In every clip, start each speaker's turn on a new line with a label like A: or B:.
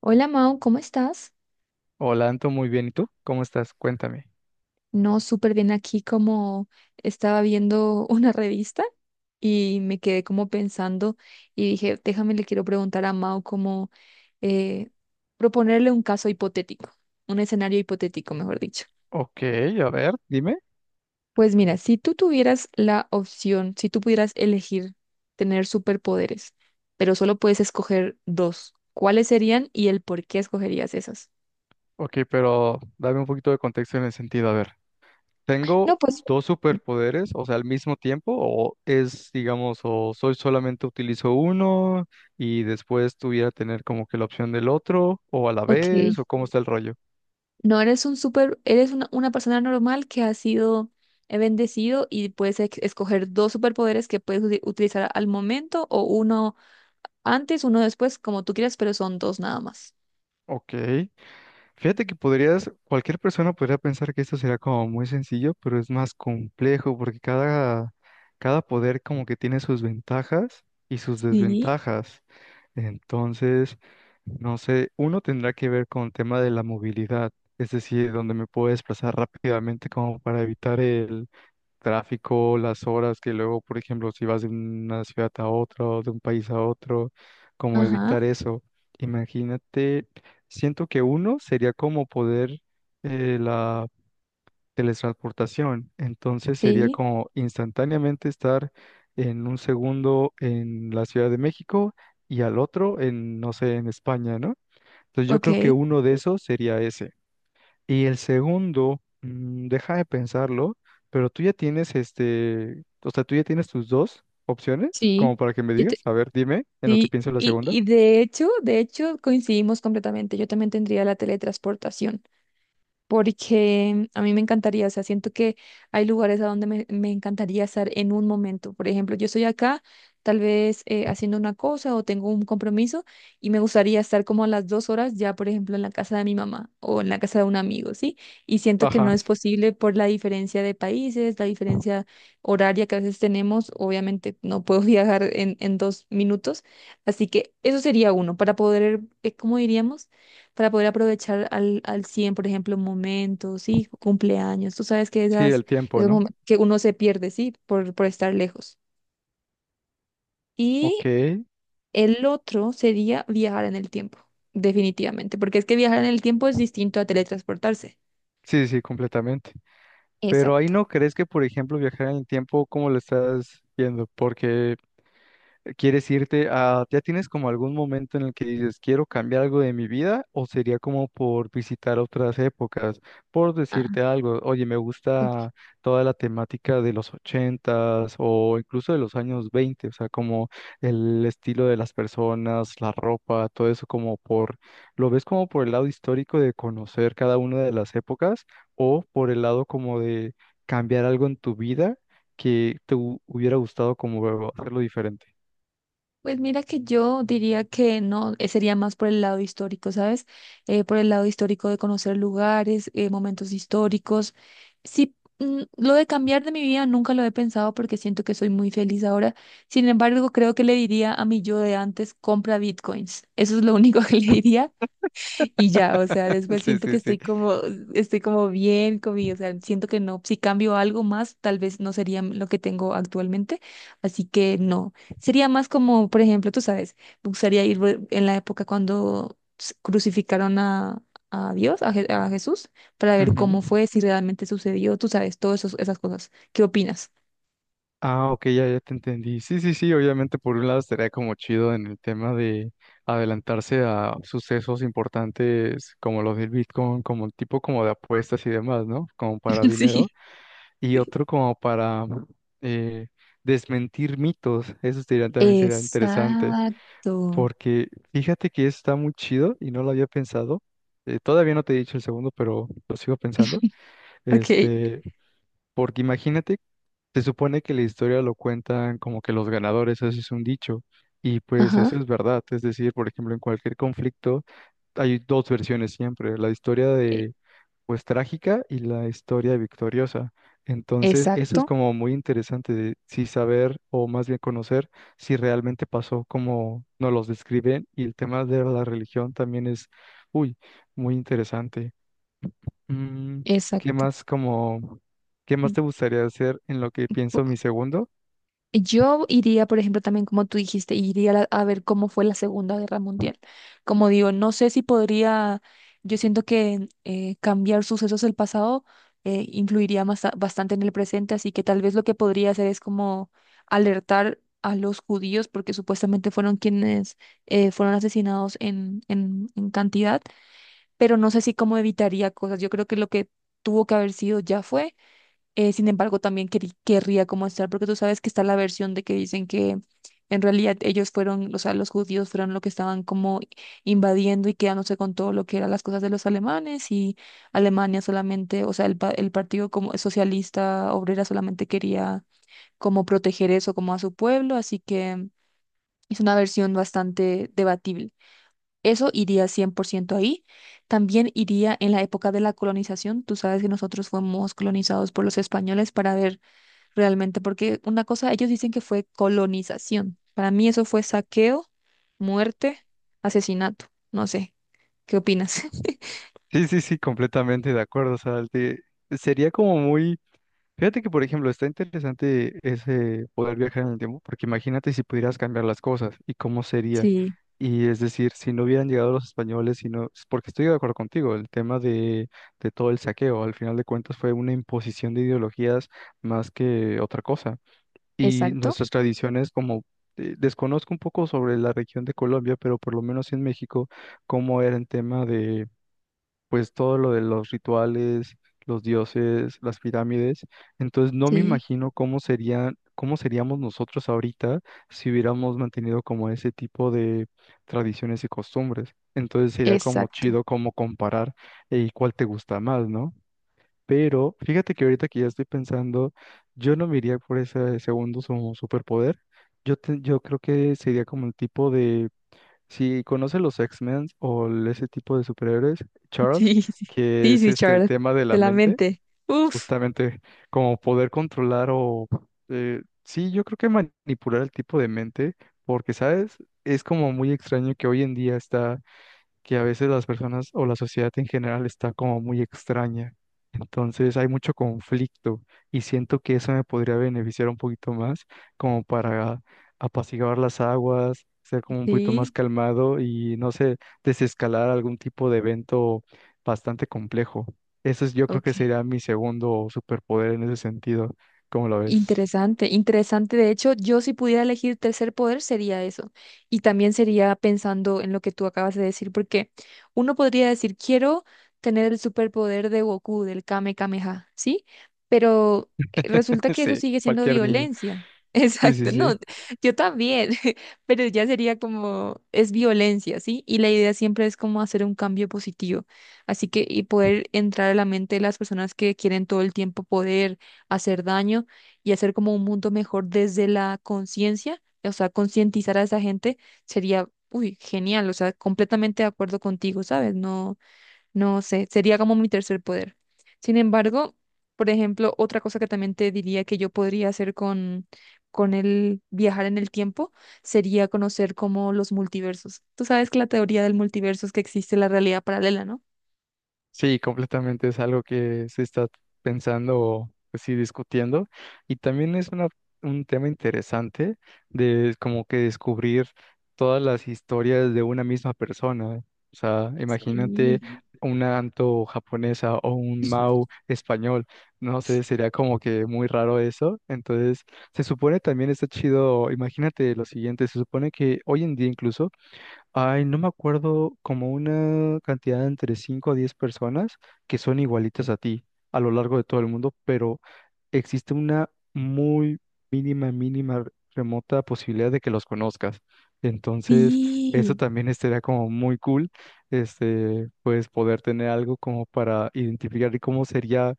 A: Hola Mau, ¿cómo estás?
B: Hola, Anto, muy bien. ¿Y tú? ¿Cómo estás? Cuéntame.
A: No, súper bien aquí como estaba viendo una revista y me quedé como pensando y dije, déjame, le quiero preguntar a Mau como eh, proponerle un caso hipotético, un escenario hipotético, mejor dicho.
B: Ok, a ver, dime.
A: Pues mira, si tú tuvieras la opción, si tú pudieras elegir tener superpoderes, pero solo puedes escoger dos, ¿cuáles serían y el por qué escogerías esas?
B: Ok, pero dame un poquito de contexto en el sentido. A ver,
A: No,
B: ¿tengo
A: pues,
B: dos superpoderes, o sea, al mismo tiempo? ¿O es, digamos, o soy solamente utilizo uno y después tuviera tener como que la opción del otro, o a la vez,
A: ok.
B: o cómo está el rollo?
A: No eres un super, eres una persona normal que ha sido bendecido y puedes escoger dos superpoderes que puedes utilizar al momento o uno antes, uno después, como tú quieras, pero son dos nada más.
B: Ok. Fíjate que podrías, cualquier persona podría pensar que esto será como muy sencillo, pero es más complejo porque cada poder como que tiene sus ventajas y sus
A: Sí,
B: desventajas. Entonces, no sé, uno tendrá que ver con el tema de la movilidad, es decir, donde me puedo desplazar rápidamente como para evitar tráfico, las horas que luego, por ejemplo, si vas de una ciudad a otra o de un país a otro, cómo
A: ajá,
B: evitar eso. Imagínate, siento que uno sería como poder la teletransportación, entonces sería
A: sí,
B: como instantáneamente estar en un segundo en la Ciudad de México y al otro en, no sé, en España, ¿no? Entonces yo creo que
A: ok,
B: uno de esos sería ese. Y el segundo, deja de pensarlo, pero tú ya tienes este, o sea, tú ya tienes tus dos opciones,
A: sí.
B: como para que me
A: Yo te-
B: digas, a ver, dime en lo que
A: sí.
B: pienso la
A: Y,
B: segunda.
A: y de hecho coincidimos completamente. Yo también tendría la teletransportación. Porque a mí me encantaría, o sea, siento que hay lugares a donde me encantaría estar en un momento. Por ejemplo, yo estoy acá, tal vez haciendo una cosa o tengo un compromiso y me gustaría estar como a las 2 horas ya, por ejemplo, en la casa de mi mamá o en la casa de un amigo, ¿sí? Y siento que
B: Ajá,
A: no es posible por la diferencia de países, la diferencia horaria que a veces tenemos. Obviamente, no puedo viajar en 2 minutos. Así que eso sería uno, para poder, ¿cómo diríamos? Para poder aprovechar al 100, por ejemplo, momentos, sí, cumpleaños. Tú sabes que
B: sí,
A: esas,
B: el tiempo,
A: esos
B: ¿no?
A: momentos que uno se pierde, sí, por estar lejos.
B: Ok,
A: Y el otro sería viajar en el tiempo, definitivamente, porque es que viajar en el tiempo es distinto a teletransportarse.
B: sí, sí, completamente. Pero ahí
A: Exacto.
B: no crees que, por ejemplo, viajar en el tiempo, ¿cómo lo estás viendo? Porque quieres irte a, ¿ya tienes como algún momento en el que dices, quiero cambiar algo de mi vida? ¿O sería como por visitar otras épocas? Por decirte algo, oye, me gusta toda la temática de los 80 o incluso de los años 20, o sea, como el estilo de las personas, la ropa, todo eso como por, ¿lo ves como por el lado histórico de conocer cada una de las épocas o por el lado como de cambiar algo en tu vida? Que te hubiera gustado como hacerlo diferente.
A: Pues mira que yo diría que no, sería más por el lado histórico, ¿sabes? Por el lado histórico de conocer lugares, momentos históricos. Sí, mm, lo de cambiar de mi vida nunca lo he pensado porque siento que soy muy feliz ahora. Sin embargo, creo que le diría a mi yo de antes, compra bitcoins. Eso es lo único que le diría y ya, o sea, después
B: Sí,
A: siento que
B: sí, sí.
A: estoy como bien conmigo, o sea, siento que no, si cambio algo más, tal vez no sería lo que tengo actualmente, así que no, sería más como, por ejemplo, tú sabes, me gustaría ir en la época cuando crucificaron a Dios, a, a Jesús, para ver
B: Ujú.
A: cómo fue, si realmente sucedió, tú sabes, todas esas cosas. ¿Qué opinas?
B: Ah, ok, ya, ya te entendí. Sí, sí, sí, obviamente por un lado estaría como chido en el tema de adelantarse a sucesos importantes como los del Bitcoin, como tipo como de apuestas y demás, ¿no? Como para
A: Sí.
B: dinero. Y
A: Sí.
B: otro como para eh, desmentir mitos, eso también sería interesante,
A: Exacto.
B: porque fíjate que está muy chido y no lo había pensado. Todavía no te he dicho el segundo, pero lo sigo pensando.
A: Ok.
B: Este, porque imagínate se supone que la historia lo cuentan como que los ganadores, eso es un dicho, y pues eso
A: Ajá.
B: es verdad, es decir, por ejemplo, en cualquier conflicto hay dos versiones siempre, la historia
A: E-
B: de pues trágica y la historia victoriosa. Entonces, eso es
A: Exacto,
B: como muy interesante de sí saber o más bien conocer si realmente pasó como nos los describen y el tema de la religión también es, uy, muy interesante. Mm, ¿Qué
A: exacto.
B: más como, qué más te gustaría hacer en lo que pienso mi segundo?
A: Yo iría, por ejemplo, también como tú dijiste, iría a, a ver cómo fue la Segunda Guerra Mundial. Como digo, no sé si podría, yo siento que cambiar sucesos del pasado influiría más, bastante en el presente, así que tal vez lo que podría hacer es como alertar a los judíos, porque supuestamente fueron quienes fueron asesinados en en cantidad, pero no sé si cómo evitaría cosas. Yo creo que lo que tuvo que haber sido ya fue sin embargo, también querría como estar, porque tú sabes que está la versión de que dicen que en realidad ellos fueron, o sea, los judíos fueron lo que estaban como invadiendo y quedándose con todo lo que eran las cosas de los alemanes y Alemania solamente, o sea, el, el partido como socialista obrera solamente quería como proteger eso como a su pueblo, así que es una versión bastante debatible. Eso iría 100% ahí. También iría en la época de la colonización. Tú sabes que nosotros fuimos colonizados por los españoles para ver realmente, porque una cosa, ellos dicen que fue colonización. Para mí eso fue saqueo, muerte, asesinato. No sé, ¿qué opinas?
B: Sí, sí, sí, completamente de acuerdo. O sea, sería como muy, fíjate que por ejemplo está interesante ese poder viajar en el tiempo, porque imagínate si pudieras cambiar las cosas y cómo sería.
A: Sí,
B: Y es decir, si no hubieran llegado los españoles, si no, porque estoy de acuerdo contigo, el tema de todo el saqueo, al final de cuentas fue una imposición de ideologías más que otra cosa. Y
A: exacto.
B: nuestras tradiciones como desconozco un poco sobre la región de Colombia, pero por lo menos en México, cómo era el tema de pues todo lo de los rituales, los dioses, las pirámides. Entonces no me
A: Sí,
B: imagino cómo serían, cómo seríamos nosotros ahorita si hubiéramos mantenido como ese tipo de tradiciones y costumbres. Entonces sería como
A: exacto.
B: chido como comparar y cuál te gusta más, ¿no? Pero fíjate que ahorita que ya estoy pensando, yo no me iría por ese segundo superpoder. Yo, yo creo que sería como el tipo de, si conoce los X-Men o ese tipo de superhéroes, Charles,
A: Sí, sí,
B: que
A: sí,
B: es
A: sí,
B: este el
A: Charles,
B: tema de
A: de
B: la
A: la
B: mente,
A: mente. Uf,
B: justamente como poder controlar o, sí, yo creo que manipular el tipo de mente, porque, ¿sabes? Es como muy extraño que hoy en día está que a veces las personas o la sociedad en general está como muy extraña. Entonces hay mucho conflicto y siento que eso me podría beneficiar un poquito más como para apaciguar las aguas, ser como un poquito más
A: sí,
B: calmado y no sé, desescalar algún tipo de evento bastante complejo. Eso es, yo creo
A: ok.
B: que sería mi segundo superpoder en ese sentido. ¿Cómo lo ves?
A: Interesante, interesante. De hecho, yo si pudiera elegir tercer poder sería eso. Y también sería pensando en lo que tú acabas de decir, porque uno podría decir, quiero tener el superpoder de Goku, del Kame Kameha, ¿sí? Pero resulta que eso
B: Sí,
A: sigue siendo
B: cualquier niño.
A: violencia.
B: Sí, sí,
A: Exacto,
B: sí.
A: no, yo también, pero ya sería como, es violencia, ¿sí? Y la idea siempre es como hacer un cambio positivo. Así que, y poder entrar a la mente de las personas que quieren todo el tiempo poder hacer daño y hacer como un mundo mejor desde la conciencia, o sea, concientizar a esa gente sería, uy, genial, o sea, completamente de acuerdo contigo, ¿sabes? No, no sé, sería como mi tercer poder. Sin embargo, por ejemplo, otra cosa que también te diría que yo podría hacer con el viajar en el tiempo sería conocer como los multiversos. Tú sabes que la teoría del multiverso es que existe la realidad paralela, ¿no?
B: Sí, completamente es algo que se está pensando o pues sí discutiendo y también es un tema interesante de como que descubrir todas las historias de una misma persona. O sea, imagínate
A: Sí.
B: una Anto japonesa o un Mau español, no sé, sería como que muy raro eso. Entonces, se supone también está chido, imagínate lo siguiente, se supone que hoy en día incluso ay, no me acuerdo, como una cantidad de entre 5 a 10 personas que son igualitas a ti a lo largo de todo el mundo, pero existe una muy mínima, remota posibilidad de que los conozcas. Entonces, eso
A: Sí.
B: también estaría como muy cool, este, pues poder tener algo como para identificar y cómo sería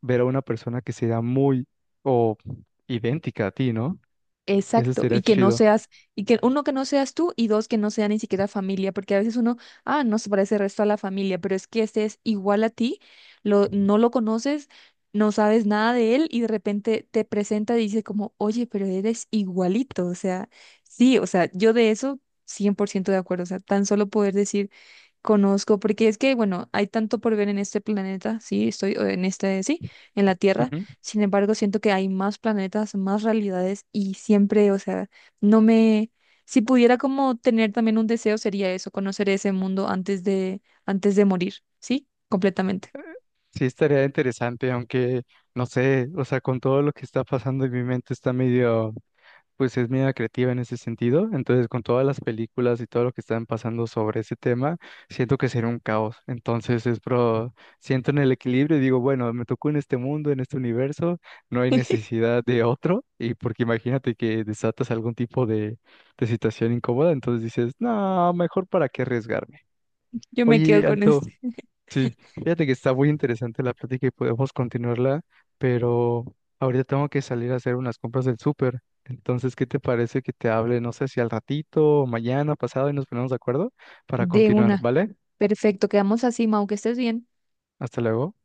B: ver a una persona que sea muy o idéntica a ti, ¿no? Eso
A: Exacto,
B: sería
A: y que no
B: chido.
A: seas, y que uno que no seas tú y dos que no sea ni siquiera familia, porque a veces uno, ah, no se parece el resto a la familia, pero es que este es igual a ti, lo, no lo conoces, no sabes nada de él y de repente te presenta y dice como, oye, pero eres igualito, o sea, sí, o sea, yo de eso 100% de acuerdo, o sea, tan solo poder decir Conozco, porque es que, bueno, hay tanto por ver en este planeta, sí, estoy o en este, sí, en la Tierra. Sin embargo, siento que hay más planetas, más realidades y siempre, o sea, no me, si pudiera como tener también un deseo sería eso, conocer ese mundo antes de morir, sí, completamente.
B: Sí, estaría interesante, aunque no sé, o sea, con todo lo que está pasando en mi mente está medio, pues es medio creativa en ese sentido. Entonces, con todas las películas y todo lo que están pasando sobre ese tema, siento que sería un caos. Entonces, es pro, siento en el equilibrio y digo, bueno, me tocó en este mundo, en este universo, no hay necesidad de otro. Y porque imagínate que desatas algún tipo de situación incómoda, entonces dices, no, mejor para qué arriesgarme.
A: Yo me quedo
B: Oye,
A: con este.
B: Anto. Fíjate que está muy interesante la plática y podemos continuarla, pero ahorita tengo que salir a hacer unas compras del súper. Entonces, ¿qué te parece que te hable, no sé si al ratito, o mañana, pasado, y nos ponemos de acuerdo para
A: De
B: continuar,
A: una.
B: ¿vale?
A: Perfecto, quedamos así, Mau, que estés bien.
B: Hasta luego.